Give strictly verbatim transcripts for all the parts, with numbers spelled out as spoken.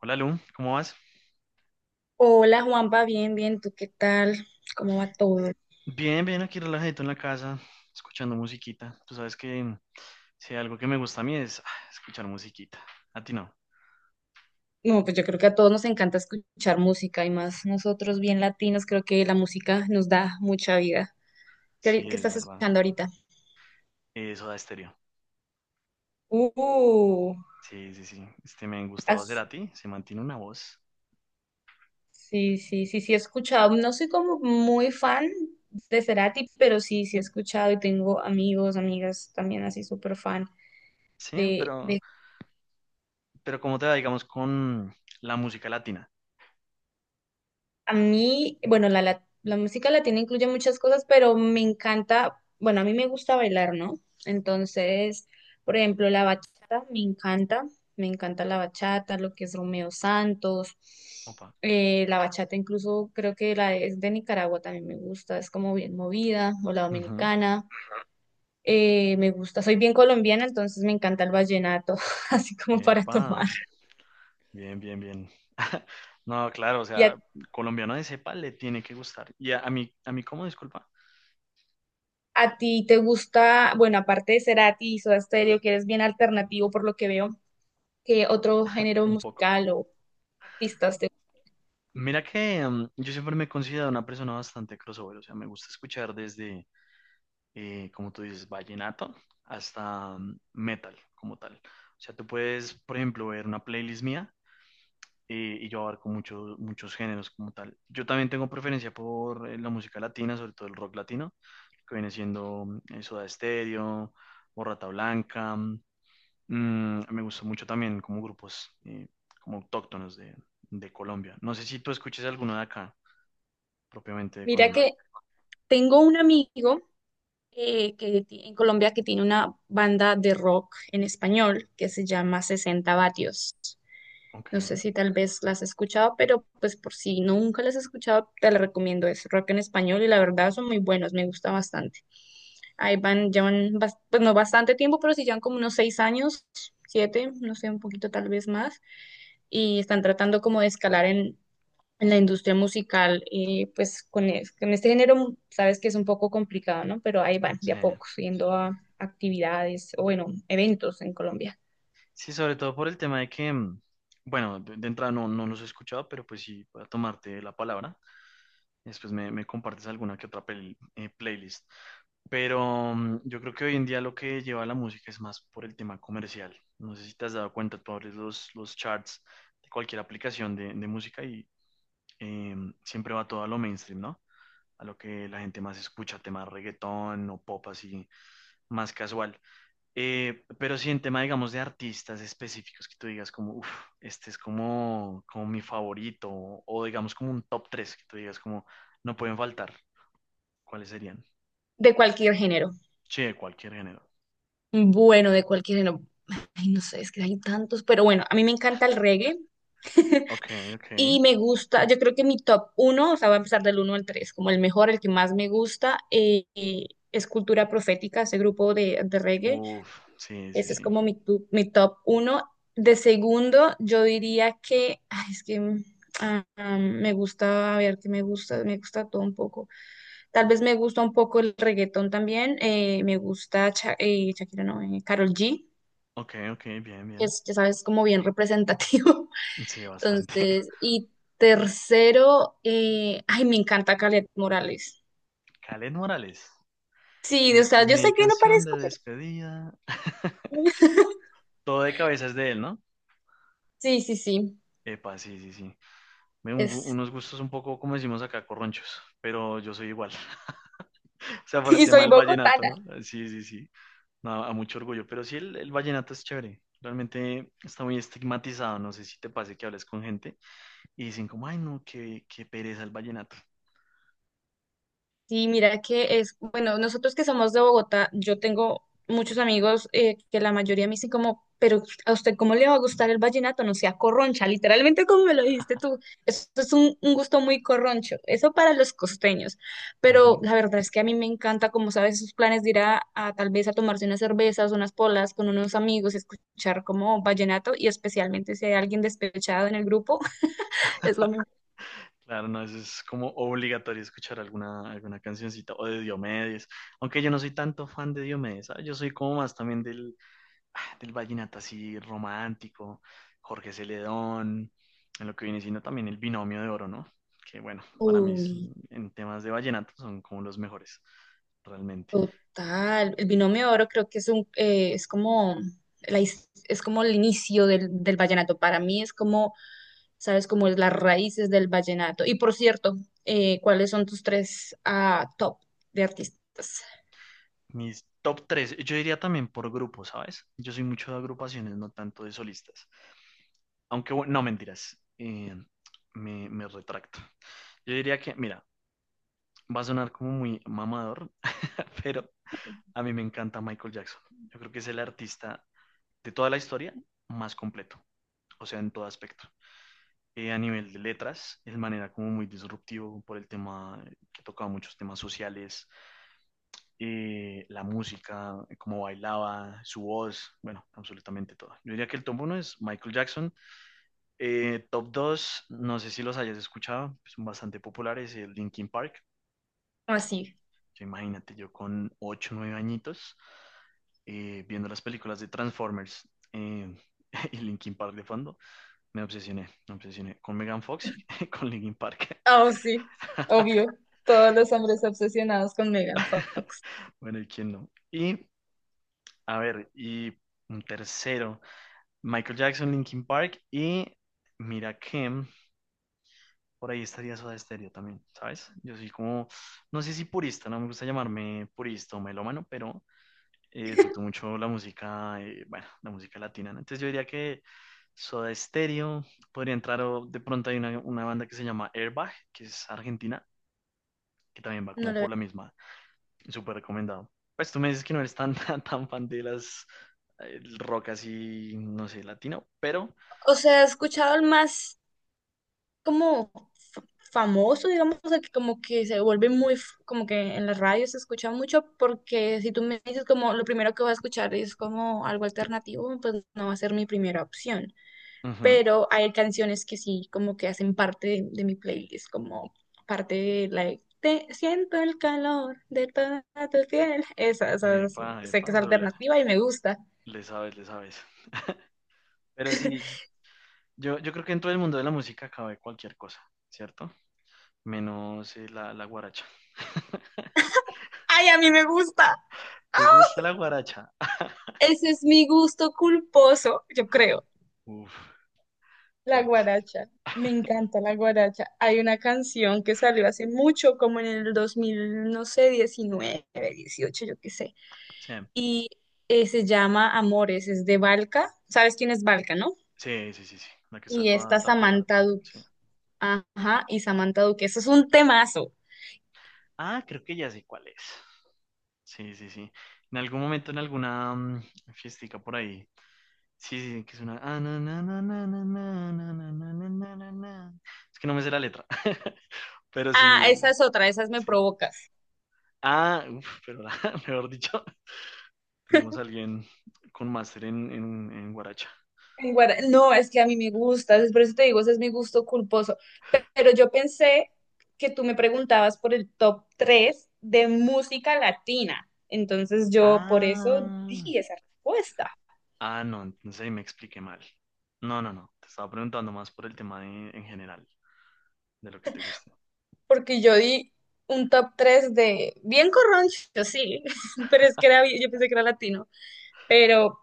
Hola Lu, ¿cómo vas? Hola Juanpa, bien, bien, ¿tú qué tal? ¿Cómo va todo? Bien, bien, aquí relajadito en la casa, escuchando musiquita. Tú sabes que mm, si hay algo que me gusta a mí es ah, escuchar musiquita. A ti no. No, pues yo creo que a todos nos encanta escuchar música y más nosotros bien latinos, creo que la música nos da mucha vida. ¿Qué, Sí, ahori- qué es estás verdad. escuchando ahorita? Eh, Soda Stereo. Uh, Sí, sí, sí. Este me han gustado hacer has- a ti, se mantiene una voz. sí, sí, sí, sí he escuchado. No soy como muy fan de Cerati, pero sí, sí he escuchado y tengo amigos, amigas también así súper fan Sí, de, pero, de pero ¿cómo te va, digamos, con la música latina? A mí, bueno, la, la, la música latina incluye muchas cosas, pero me encanta, bueno, a mí me gusta bailar, ¿no? Entonces, por ejemplo, la bachata me encanta, me encanta la bachata, lo que es Romeo Santos. Opa. Eh, la bachata incluso creo que la es de Nicaragua también me gusta, es como bien movida, o la Ujú. dominicana. Eh, me gusta, soy bien colombiana, entonces me encanta el vallenato, así como para Epa, tomar. bien, bien, bien. No, claro, o ¿Y a sea, colombiano de cepa le tiene que gustar. Y a, a mí, a mí, ¿cómo? Disculpa, ¿A ti te gusta, bueno, aparte de Cerati y Soda Stereo, que eres bien alternativo por lo que veo, que otro género un poco. musical o artistas te... Mira que mm, yo siempre me he considerado una persona bastante crossover, o sea, me gusta escuchar desde, eh, como tú dices, vallenato hasta mm, metal como tal. O sea, tú puedes, por ejemplo, ver una playlist mía eh, y yo abarco muchos muchos géneros como tal. Yo también tengo preferencia por eh, la música latina, sobre todo el rock latino, que viene siendo mm, eh, Soda Stereo o Rata Blanca. Mm, me gusta mucho también como grupos eh, como autóctonos de, de Colombia. No sé si tú escuches alguno de acá propiamente de Mira Colombia. que tengo un amigo eh, que ti- en Colombia que tiene una banda de rock en español que se llama sesenta Vatios. Ok, No sé si tal vez las has escuchado, pero pues por si nunca las has escuchado, te la recomiendo. Es rock en español y la verdad son muy buenos, me gusta bastante. Ahí van, llevan, bas- pues no bastante tiempo, pero sí llevan como unos seis años, siete, no sé, un poquito tal vez más. Y están tratando como de escalar en, en la industria musical, eh, pues con, es- con este género, sabes que es un poco complicado, ¿no? Pero ahí van, de sí. a poco, yendo a actividades, o bueno, eventos en Colombia, Sí, sobre todo por el tema de que, mm, bueno, de, de entrada no, no los he escuchado, pero pues sí, voy a tomarte la palabra. Después me, me compartes alguna que otra pel- eh, playlist. Pero mm, yo creo que hoy en día lo que lleva la música es más por el tema comercial. No sé si te has dado cuenta, tú abres los, los charts de cualquier aplicación de, de música y eh, siempre va todo a lo mainstream, ¿no? A lo que la gente más escucha, tema reggaetón o pop así, más casual. Eh, pero sí, en tema, digamos, de artistas específicos que tú digas como, uff, este es como, como mi favorito, o, o digamos como un top tres que tú digas como, no pueden faltar, ¿cuáles serían? de cualquier género. Sí, de cualquier género. Bueno, de cualquier género. Ay, no sé, es que hay tantos, pero bueno, a mí me encanta el reggae. Ok, ok. Y me gusta, yo creo que mi top uno, o sea, va a empezar del uno al tres, como el mejor, el que más me gusta, eh, eh, es Cultura Profética, ese grupo de, de reggae. Uff, sí, sí, Ese es sí. como mi, tu- mi top uno. De segundo, yo diría que, ay, es que mm, ah, ah, me gusta, a ver, que me gusta, me gusta todo un poco. Tal vez me gusta un poco el reggaetón también, eh, me gusta Cha- eh, Shakira, no, eh, Karol G, Ok, ok, bien, que bien. es, ya sabes, como bien representativo. Sí, bastante. Entonces, y tercero, eh, ay, me encanta Calet Morales. Kaleth Morales. Sí, o Esta sea, es yo sé mi que no canción de parezco, pero despedida. Todo de cabeza es de él, ¿no? sí, sí, sí, Epa, sí, sí, sí. Me- un- es, unos gustos un poco, como decimos acá, corronchos, pero yo soy igual. O sea, por el y tema soy del vallenato, bogotana. ¿no? Eh, sí, sí, sí. No, a mucho orgullo. Pero sí, el, el vallenato es chévere. Realmente está muy estigmatizado. No sé si te pase que hables con gente y dicen como, ay, no, qué, qué pereza el vallenato. Sí, mira que es, bueno, nosotros que somos de Bogotá, yo tengo muchos amigos eh, que la mayoría me dicen como, pero a usted cómo le va a gustar el vallenato, no sea corroncha, literalmente como me lo dijiste tú, eso es un, un gusto muy corroncho, eso para los costeños, pero Ujú. la verdad es que a mí me encanta, como sabes, esos planes de ir a, a tal vez a tomarse unas cervezas, unas polas con unos amigos, escuchar como vallenato y especialmente si hay alguien despechado en el grupo, es lo mismo. Claro, no, eso es como obligatorio escuchar alguna, alguna cancioncita o de Diomedes. Aunque yo no soy tanto fan de Diomedes, ¿sabes? Yo soy como más también del, ah, del vallenato así romántico, Jorge Celedón, en lo que viene siendo también el binomio de oro, ¿no? Que bueno, para mí es- Uy. en temas de vallenato son como los mejores, realmente. Total, el binomio de oro creo que es un eh, es como la his- es como el inicio del, del vallenato. Para mí es como, sabes, como es las raíces del vallenato. Y por cierto, eh, ¿cuáles son tus tres ah, top de artistas? Mis top tres, yo diría también por grupo, ¿sabes? Yo soy mucho de agrupaciones, no tanto de solistas. Aunque bueno, no mentiras, eh, me, me retracto. Yo diría que, mira, va a sonar como muy mamador, pero a mí me encanta Michael Jackson. Yo creo que es el artista de toda la historia más completo, o sea, en todo aspecto. Eh, a nivel de letras, es de manera como muy disruptivo por el tema eh, que tocaba muchos temas sociales, eh, la música, eh, cómo bailaba, su voz, bueno, absolutamente todo. Yo diría que el top uno es Michael Jackson. Eh, top dos no sé si los hayas escuchado, pues, son bastante populares, el Linkin Park. Así. Yo imagínate, yo con ocho nueve añitos, eh, viendo las películas de Transformers eh, y Linkin Park de fondo. Me obsesioné, me obsesioné con Megan Fox y con Linkin Park. Oh, sí, obvio. Todos los hombres obsesionados con Megan Fox. Bueno, ¿y quién no? Y, a ver, y un tercero, Michael Jackson, Linkin Park y mira que por ahí estaría Soda Stereo también, ¿sabes? Yo soy como, no sé si purista, no me gusta llamarme purista o melómano, pero eh, disfruto mucho la música, eh, bueno, la música latina, ¿no? Entonces yo diría que Soda Stereo podría entrar, o de pronto hay una, una banda que se llama Airbag, que es argentina, que también va No como lo por la he- misma. Súper recomendado. Pues tú me dices que no eres tan, tan, tan fan de las eh, el rock así, no sé, latino, pero... O sea, he escuchado el más como fa- famoso, digamos, o sea, que como que se vuelve muy, f- como que en la radio se escucha mucho, porque si tú me dices como lo primero que voy a escuchar es como algo alternativo, pues no va a ser mi primera opción. Ujú. Pero hay canciones que sí, como que hacen parte de, de mi playlist, como parte de la de Te siento el calor de toda tu piel. Esa, esa, es- Epa, sé que epa, es pero le, alternativa y me gusta. le sabes, le sabes. Pero sí, yo, yo creo que en todo el mundo de la música cabe cualquier cosa, ¿cierto? Menos eh, la, la guaracha. ¡Ay, a mí me gusta! ¿Te ¡Ah! gusta la guaracha? Ese es mi gusto culposo, yo creo. Uf, La fuerte. guaracha, me encanta la guaracha. Hay una canción que salió hace mucho, como en el dos mil, no sé, diecinueve, dieciocho, yo qué sé. Sí, Y eh, se llama Amores, es de Valka. ¿Sabes quién es Valka, no? sí, sí, sí, sí. La que está Y toda está tatuada, Samantha tan, Duque. sí. Ajá, y Samantha Duque. Eso es un temazo. Ah, creo que ya sé cuál es. Sí, sí, sí. En algún momento, en alguna mm, fiestica por ahí, sí, sí, sí, que es una... ah, na, na, na, na, na, na, na, na, na, na, na, na, na. Es que no me sé la letra, pero sí, Ah, esa es otra, esas me sí. provocas. Ah, uf, pero mejor dicho, tenemos a alguien con máster en, en, en guaracha. en guara- No, es que a mí me gusta, es por eso te digo, ese es mi gusto culposo. Pe- Pero yo pensé que tú me preguntabas por el top tres de música latina. Entonces yo por eso Ah, di esa respuesta, ah, no, entonces ahí me expliqué mal. No, no, no, te estaba preguntando más por el tema de- en general, de lo que te gusta. porque yo di un top tres de bien corroncho, sí, pero es que era, bien- yo pensé que era latino. Pero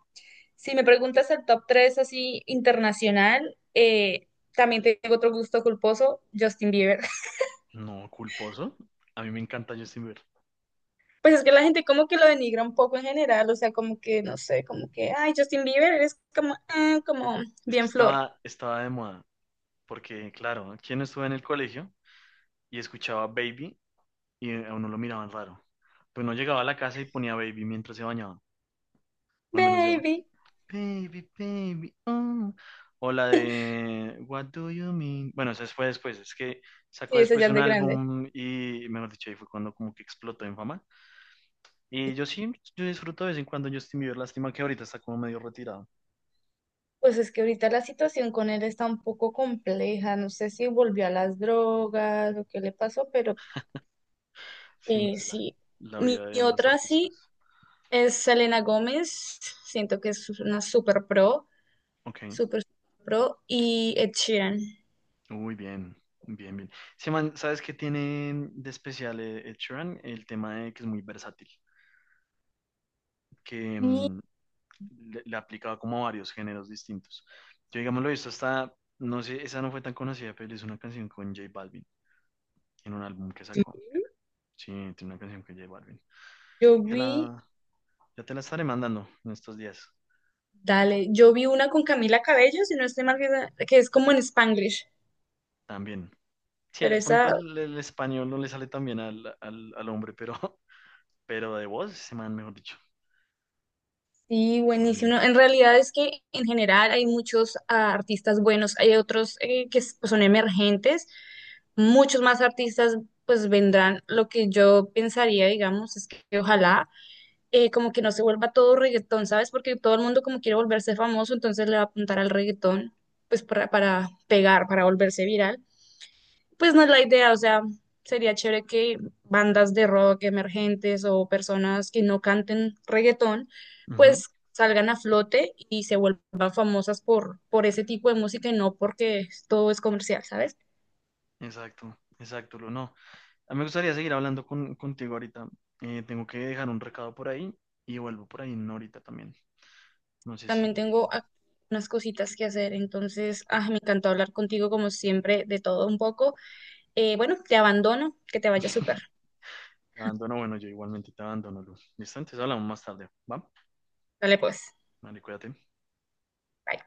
si me preguntas el top tres así internacional, eh, también tengo otro gusto culposo, Justin Bieber. No, culposo. A mí me encanta Justin Bieber. Pues es que la gente como que lo denigra un poco en general, o sea, como que, no sé, como que, ay, Justin Bieber es como, ah, como Es que bien flor, estaba, estaba de moda, porque claro, ¿quién estuvo en el colegio y escuchaba Baby y a uno lo miraban raro? Pues no llegaba a la casa y ponía Baby mientras se bañaban, o al menos yo. baby. Baby, baby, oh. O la de What do you mean? Bueno, esa fue después, es que sacó Sí, eso después ya es un de grande. álbum y, mejor dicho, ahí fue cuando como que explotó en fama. Y yo sí, yo disfruto de vez en cuando Justin Bieber, lástima que ahorita está como medio retirado. Pues es que ahorita la situación con él está un poco compleja, no sé si volvió a las drogas o qué le pasó, pero Sí, no eh, sé, la, sí. la Mi vida de mi los otra sí artistas. es Selena Gómez, siento que es una super pro, Ok, super, super pro, y Ed Sheeran. muy bien, bien, bien. Sí, man, ¿sabes qué tiene de especial eh, Ed Sheeran? El tema de que es muy versátil. Que Y mm, le, le ha como a varios géneros distintos. Yo, digamos, lo he visto hasta, no sé, esa no fue tan conocida, pero es una canción con J Balvin en un álbum que sacó. Sí, tiene una canción con J Balvin. yo Te vi... la, ya te la estaré mandando en estos días Dale, yo vi una con Camila Cabello, si no estoy mal, que es que es como en Spanglish, también. Sí, pero de esa pronto el, el español no le sale tan bien al, al, al hombre, pero, pero de voz, ese man, mejor dicho, sí, realmente. buenísima. En realidad es que en general hay muchos ah, artistas buenos, hay otros eh, que s- pues, son emergentes, muchos más artistas pues vendrán. Lo que yo pensaría, digamos, es que ojalá eh, como que no se vuelva todo reggaetón, ¿sabes? Porque todo el mundo como quiere volverse famoso, entonces le va a apuntar al reggaetón, pues para, para pegar, para volverse viral. Pues no es la idea, o sea, sería chévere que bandas de rock emergentes o personas que no canten reggaetón, Ujú. pues salgan a flote y se vuelvan famosas por, por ese tipo de música y no porque todo es comercial, ¿sabes? Exacto, exacto, lo no. A mí me gustaría seguir hablando con, contigo ahorita. Eh, tengo que dejar un recado por ahí y vuelvo por ahí en una horita también. No sé si También tengo ac- unas cositas que hacer, entonces, ah, me encantó hablar contigo como siempre de todo un poco. Eh, bueno, te abandono, que te vaya súper. te abandono. Bueno, yo igualmente te abandono, Luz. Listo, entonces hablamos más tarde. ¿Va? Dale pues. Vale, cuídate. Bye.